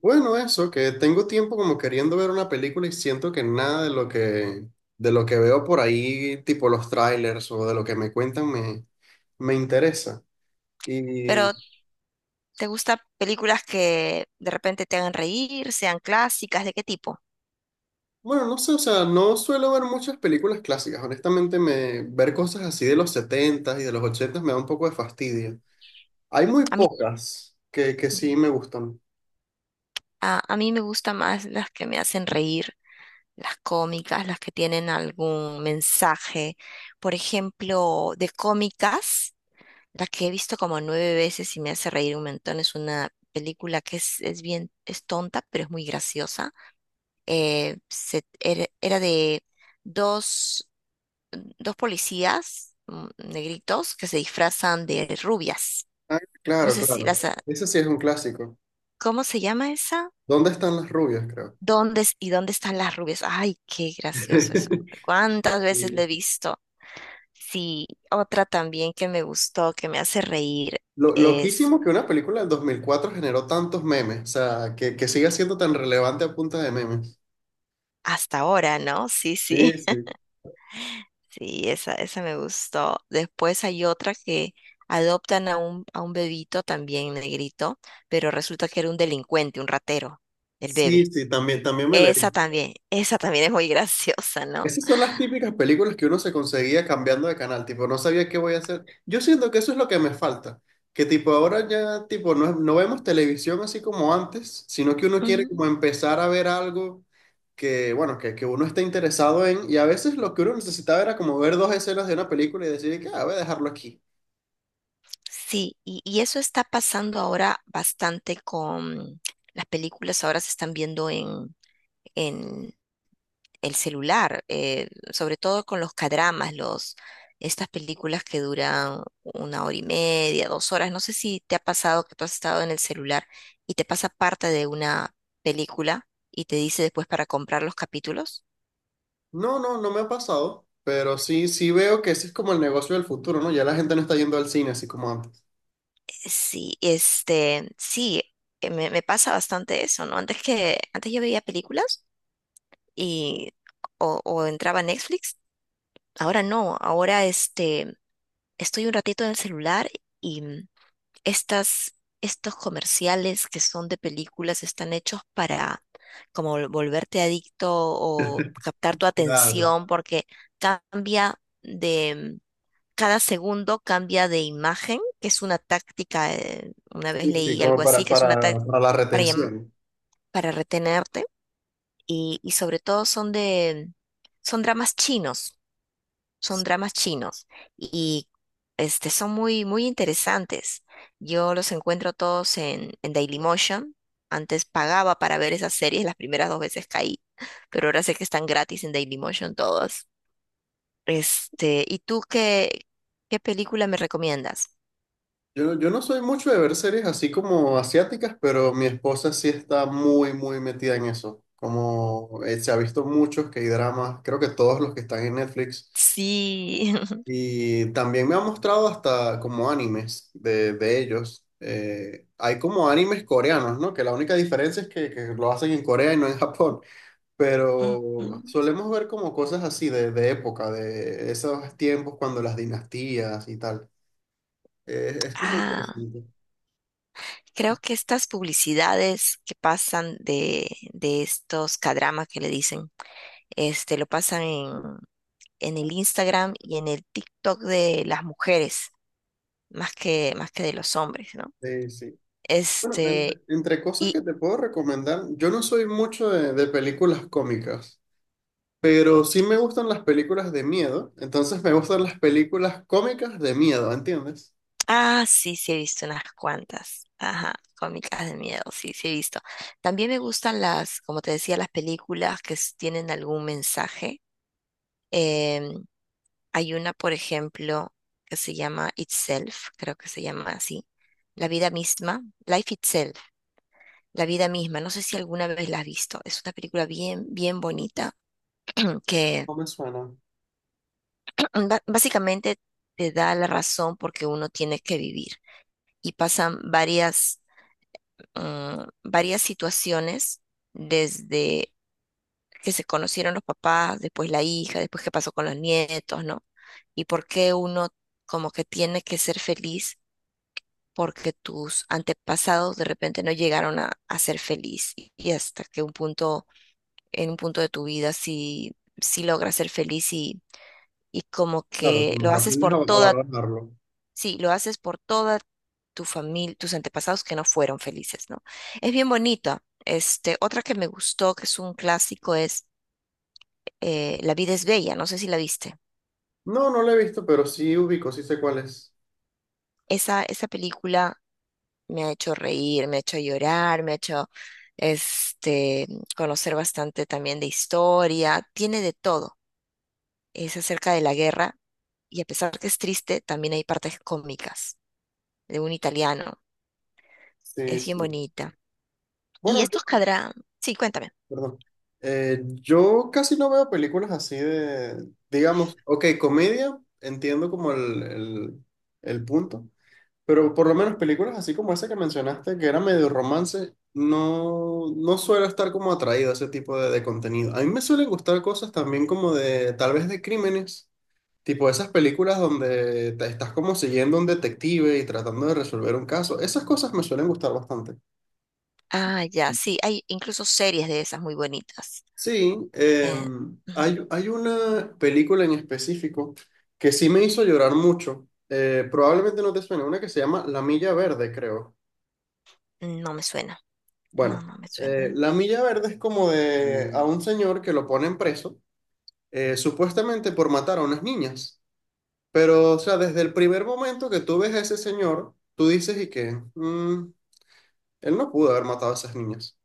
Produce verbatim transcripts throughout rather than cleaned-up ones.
Bueno, eso, que tengo tiempo como queriendo ver una película y siento que nada de lo que, de lo que veo por ahí, tipo los trailers o de lo que me cuentan, me, me interesa. Y Pero, ¿te gustan películas que de repente te hagan reír, sean clásicas? ¿De qué tipo? bueno, no sé, o sea, no suelo ver muchas películas clásicas. Honestamente, me, ver cosas así de los setentas y de los ochentas me da un poco de fastidio. Hay muy A mí, pocas que, que mm, sí me gustan. a, a mí me gustan más las que me hacen reír, las cómicas, las que tienen algún mensaje. Por ejemplo, de cómicas, la que he visto como nueve veces y me hace reír un montón es una película que es, es bien, es tonta, pero es muy graciosa. Eh, se- era, era de dos dos policías mm, negritos que se disfrazan de rubias. Ah, No claro, sé si claro. las... ha- Ese sí es un clásico. ¿Cómo se llama esa? ¿Dónde están las rubias, creo? ¿Dónde es- y dónde están las rubias? Ay, qué gracioso eso. ¿Cuántas veces lo he visto? Sí, otra también que me gustó, que me hace reír, Lo, es. Loquísimo que una película del dos mil cuatro generó tantos memes, o sea, que, que siga siendo tan relevante a punta de memes. Hasta ahora, ¿no? Sí, Sí, sí. sí. Sí, esa, esa me gustó. Después hay otra que adoptan a un, a un bebito también negrito, pero resulta que era un delincuente, un ratero, el Sí, bebé. sí, también, también me la vi. Esa también, esa también es muy graciosa, ¿no? Esas son las típicas películas que uno se conseguía cambiando de canal, tipo, no sabía qué voy a hacer. Yo siento que eso es lo que me falta, que tipo, ahora ya, tipo, no, no vemos televisión así como antes, sino que uno quiere como Ujú. empezar a ver algo que, bueno, que, que uno está interesado en, y a veces lo que uno necesitaba era como ver dos escenas de una película y decir, que, ah, voy a dejarlo aquí. Sí, y, y eso está pasando ahora bastante con las películas. Ahora se están viendo en, en el celular, eh, sobre todo con los cadramas, los, estas películas que duran una hora y media, dos horas. No sé si te ha pasado que tú has estado en el celular y te pasa parte de una película y te dice después para comprar los capítulos. No, no, no me ha pasado, pero sí, sí veo que ese es como el negocio del futuro, ¿no? Ya la gente no está yendo al cine así como antes. Sí, este, sí, eh, me, me pasa bastante eso, ¿no? Antes que, antes yo veía películas y o, o entraba a Netflix. Ahora no, ahora este, estoy un ratito en el celular y mm, estas, estos comerciales que son de películas están hechos para como vol- volverte adicto o captar tu Claro. atención porque cambia cada segundo cambia de imagen, que es una táctica, eh, una vez Sí, sí, leí algo como así, para, que es una para, táctica para la para, llam- retención. para retenerte. Y, y sobre todo son de, son dramas chinos, son dramas chinos y este, son muy, muy interesantes. Yo los encuentro todos en, en Dailymotion. Antes pagaba para ver esas series, las primeras dos veces caí, pero ahora sé que están gratis en Dailymotion todos. Este, ¿y tú qué, qué película me recomiendas? Yo, yo no soy mucho de ver series así como asiáticas, pero mi esposa sí está muy, muy metida en eso. Como eh, se ha visto muchos K-dramas, creo que todos los que están en Netflix. Sí. Y también me ha mostrado hasta como animes de, de ellos. Eh, hay como animes coreanos, ¿no? Que la única diferencia es que, que lo hacen en Corea y no en Japón. Pero Ujú. solemos ver como cosas así de, de época, de esos tiempos cuando las dinastías y tal. Eh, es como Ah, interesante. creo que estas publicidades que pasan de, de estos kdramas que le dicen, este, lo pasan en, en el Instagram y en el TikTok de las mujeres, más que, más que de los hombres, ¿no? Sí, sí. Bueno, entre, Este, entre cosas que y, te puedo recomendar, yo no soy mucho de, de películas cómicas. Pero sí me gustan las películas de miedo, entonces me gustan las películas cómicas de miedo, ¿entiendes? ah, sí, sí he visto unas cuantas. Ajá, cómicas de miedo, sí, sí he visto. También me gustan las, como te decía, las películas que s- tienen algún mensaje. em, Hay una, por ejemplo, que se llama Itself, creo que se llama así. La vida misma, Life Itself, la vida misma. No sé si alguna vez la has visto. Es una película bien, bien bonita que No me suena. ba- básicamente te da la razón porque uno tiene que vivir. Y pasan varias, mm, varias situaciones desde que se conocieron los papás, después la hija, después qué pasó con los nietos, ¿no? Y por qué uno como que tiene que ser feliz porque tus antepasados de repente no llegaron a, a ser feliz y y hasta que un punto, en un punto de tu vida sí, sí logras ser feliz y, y como Claro, que como lo que haces aprendes a, por a toda, valorarlo. sí, lo haces por toda tu familia, tus antepasados que no fueron felices, ¿no? Es bien bonita. Este, otra que me gustó, que es un clásico, es eh, La vida es bella, no sé si la viste. No, no lo he visto, pero sí ubico, sí sé cuál es. Esa, esa película me ha hecho reír, me ha hecho llorar, me ha hecho este, conocer bastante también de historia, tiene de todo. Es acerca de la guerra y a pesar que es triste, también hay partes cómicas de un italiano. Sí, Es bien sí. bonita. Y Bueno, yo, estos cadrán, sí, cuéntame. perdón. Eh, yo casi no veo películas así de, digamos, ok, comedia, entiendo como el, el, el punto. Pero por lo menos películas así como esa que mencionaste, que era medio romance, no, no suelo estar como atraído a ese tipo de, de contenido. A mí me suelen gustar cosas también como de, tal vez de crímenes, tipo esas películas donde te estás como siguiendo a un detective y tratando de resolver un caso. Esas cosas me suelen gustar bastante. Ah, ya, sí, hay incluso series de esas muy bonitas. Sí, Eh, em, Ujú. hay, hay una película en específico que sí me hizo llorar mucho. Eh, probablemente no te suene, una que se llama La Milla Verde, creo. No me suena. No, Bueno, no me eh, suena. la milla verde es como de a un señor que lo ponen preso, eh, supuestamente por matar a unas niñas. Pero, o sea, desde el primer momento que tú ves a ese señor, tú dices y que, "Mm, él no pudo haber matado a esas niñas,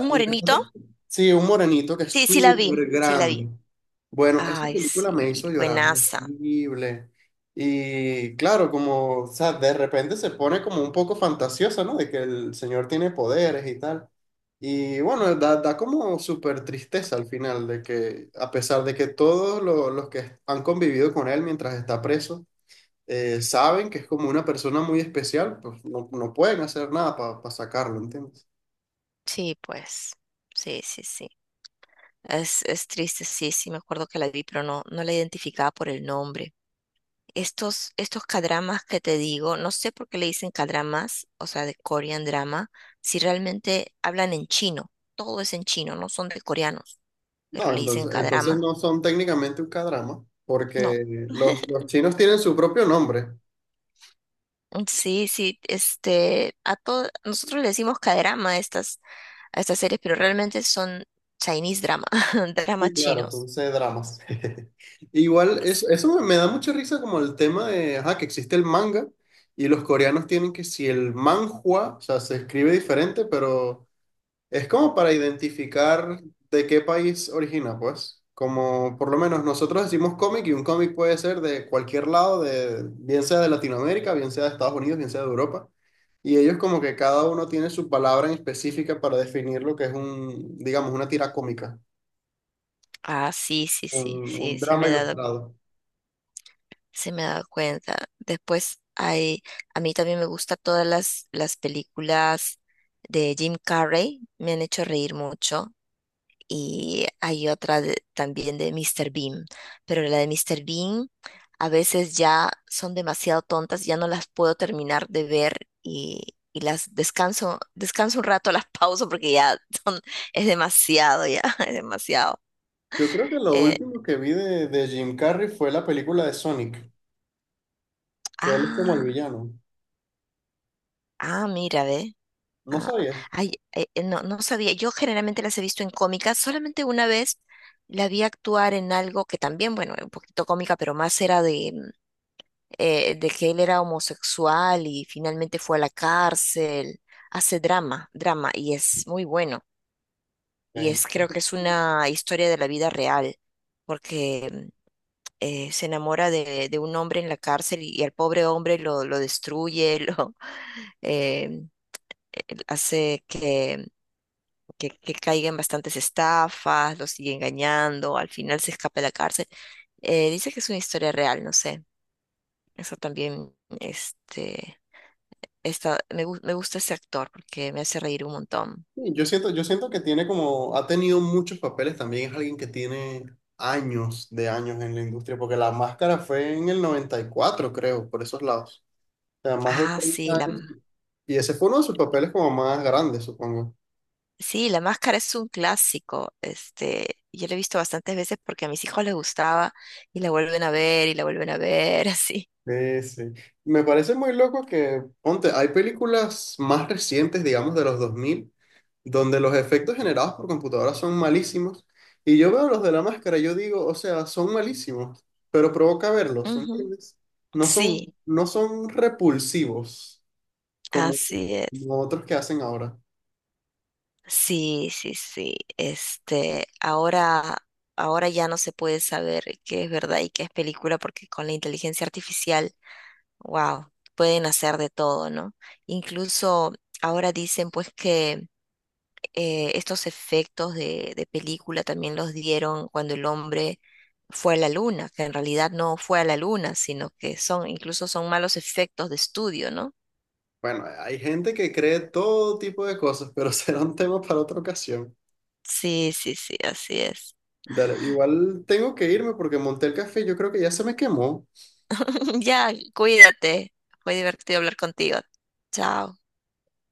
¿Un lo que morenito? pasa, sí, un morenito que es Sí, sí la súper vi, sí la vi. grande." Bueno, esta Ay, película me hizo sí, llorar buenaza. horrible. Y claro, como, o sea, de repente se pone como un poco fantasiosa, ¿no? De que el señor tiene poderes y tal. Y bueno, da, da como súper tristeza al final, de que a pesar de que todos lo- los que han convivido con él mientras está preso, eh, saben que es como una persona muy especial, pues no, no pueden hacer nada para sacarlo, ¿entiendes? Sí, pues, sí, sí, sí. Es, es triste, sí, sí, me acuerdo que la vi, pero no, no la identificaba por el nombre. Estos, estos cadramas que te digo, no sé por qué le dicen cadramas, o sea, de Korean drama, si realmente hablan en chino, todo es en chino, no son de coreanos, pero No, le dicen entonces, entonces cadrama, no son técnicamente un K-drama, no. porque los, los chinos tienen su propio nombre. Sí, sí, este, a todo, nosotros le decimos cadrama a estas, a estas series, pero realmente son Chinese drama, Sí, dramas claro, son chinos. C-dramas. Igual, eso, eso me, me da mucha risa como el tema de, ajá, que existe el manga y los coreanos tienen que si el manhua, o sea, se escribe diferente, pero es como para identificar de qué país origina, pues. Como por lo menos nosotros decimos cómic y un cómic puede ser de cualquier lado, de, bien sea de Latinoamérica, bien sea de Estados Unidos, bien sea de Europa. Y ellos como que cada uno tiene su palabra en específica para definir lo que es un, digamos, una tira cómica, Ah, sí, sí, sí, un, un sí, sí drama me he dado, cu- ilustrado. sí me he dado cuenta. Después hay, a mí también me gustan todas las, las películas de Jim Carrey, me han hecho reír mucho. Y hay otra de- también de mister Bean, pero la de mister Bean a veces ya son demasiado tontas, ya no las puedo terminar de ver y, y las descanso, descanso un rato, las pauso porque ya son, es demasiado, ya, es demasiado. Yo creo que lo Eh, último que vi de, de Jim Carrey fue la película de Sonic, que él es como el ah. villano. Ah, mira, ve. ¿No Ah, sabías? ay, eh, eh, no, no sabía. Yo generalmente las he visto en cómicas. Solamente una vez la vi actuar en algo que también, bueno, era un poquito cómica, pero más era de, mm, eh, de que él era homosexual y finalmente fue a la cárcel. Hace drama, drama, y es muy bueno. Y es, Ok. creo que es una historia de la vida real, porque mm, eh, se enamora de, de un hombre en la cárcel y, y al pobre hombre lo, lo destruye, lo, em, eh, hace que, que, que caigan bastantes estafas, los sigue engañando, al final se escapa de la cárcel. Eh, dice que es una historia real, no sé. Eso también, este, esta, me, gu- me gusta ese actor porque me hace reír un montón. Sí, Yo siento, yo siento que tiene como, ha tenido muchos papeles también, es alguien que tiene años de años en la industria, porque La Máscara fue en el noventa y cuatro creo, por esos lados. O sea, más de Ah, sí, treinta la, m- años. Y ese fue uno de sus papeles como más grandes, supongo. sí, La Máscara es un clásico. Este, yo la he visto bastantes veces porque a mis hijos les gustaba y la vuelven a ver y la vuelven a ver, así. Sí, sí. Me parece muy loco que, ponte, hay películas más recientes, digamos, de los dos mil donde los efectos generados por computadoras son malísimos. Y yo veo los de La Máscara, y yo digo, o sea, son malísimos, pero provoca verlos, Ujú. ¿entiendes? No son, Sí, no son repulsivos como, así es. como otros que hacen ahora. Sí, sí, sí. Este, ahora, ahora ya no se puede saber qué es verdad y qué es película, porque con la inteligencia artificial, wow, pueden hacer de todo, ¿no? Incluso ahora dicen pues que eh, estos efectos de, de película también los dieron cuando el hombre fue a la luna, que en realidad no fue a la luna, sino que son, incluso son malos efectos de estudio, ¿no? Bueno, hay gente que cree todo tipo de cosas, pero será un tema para otra ocasión. Sí, sí, sí, así es. Dale, igual tengo que irme porque monté el café, yo creo que ya se me quemó. Ya, cuídate. Fue divertido hablar contigo. Chao.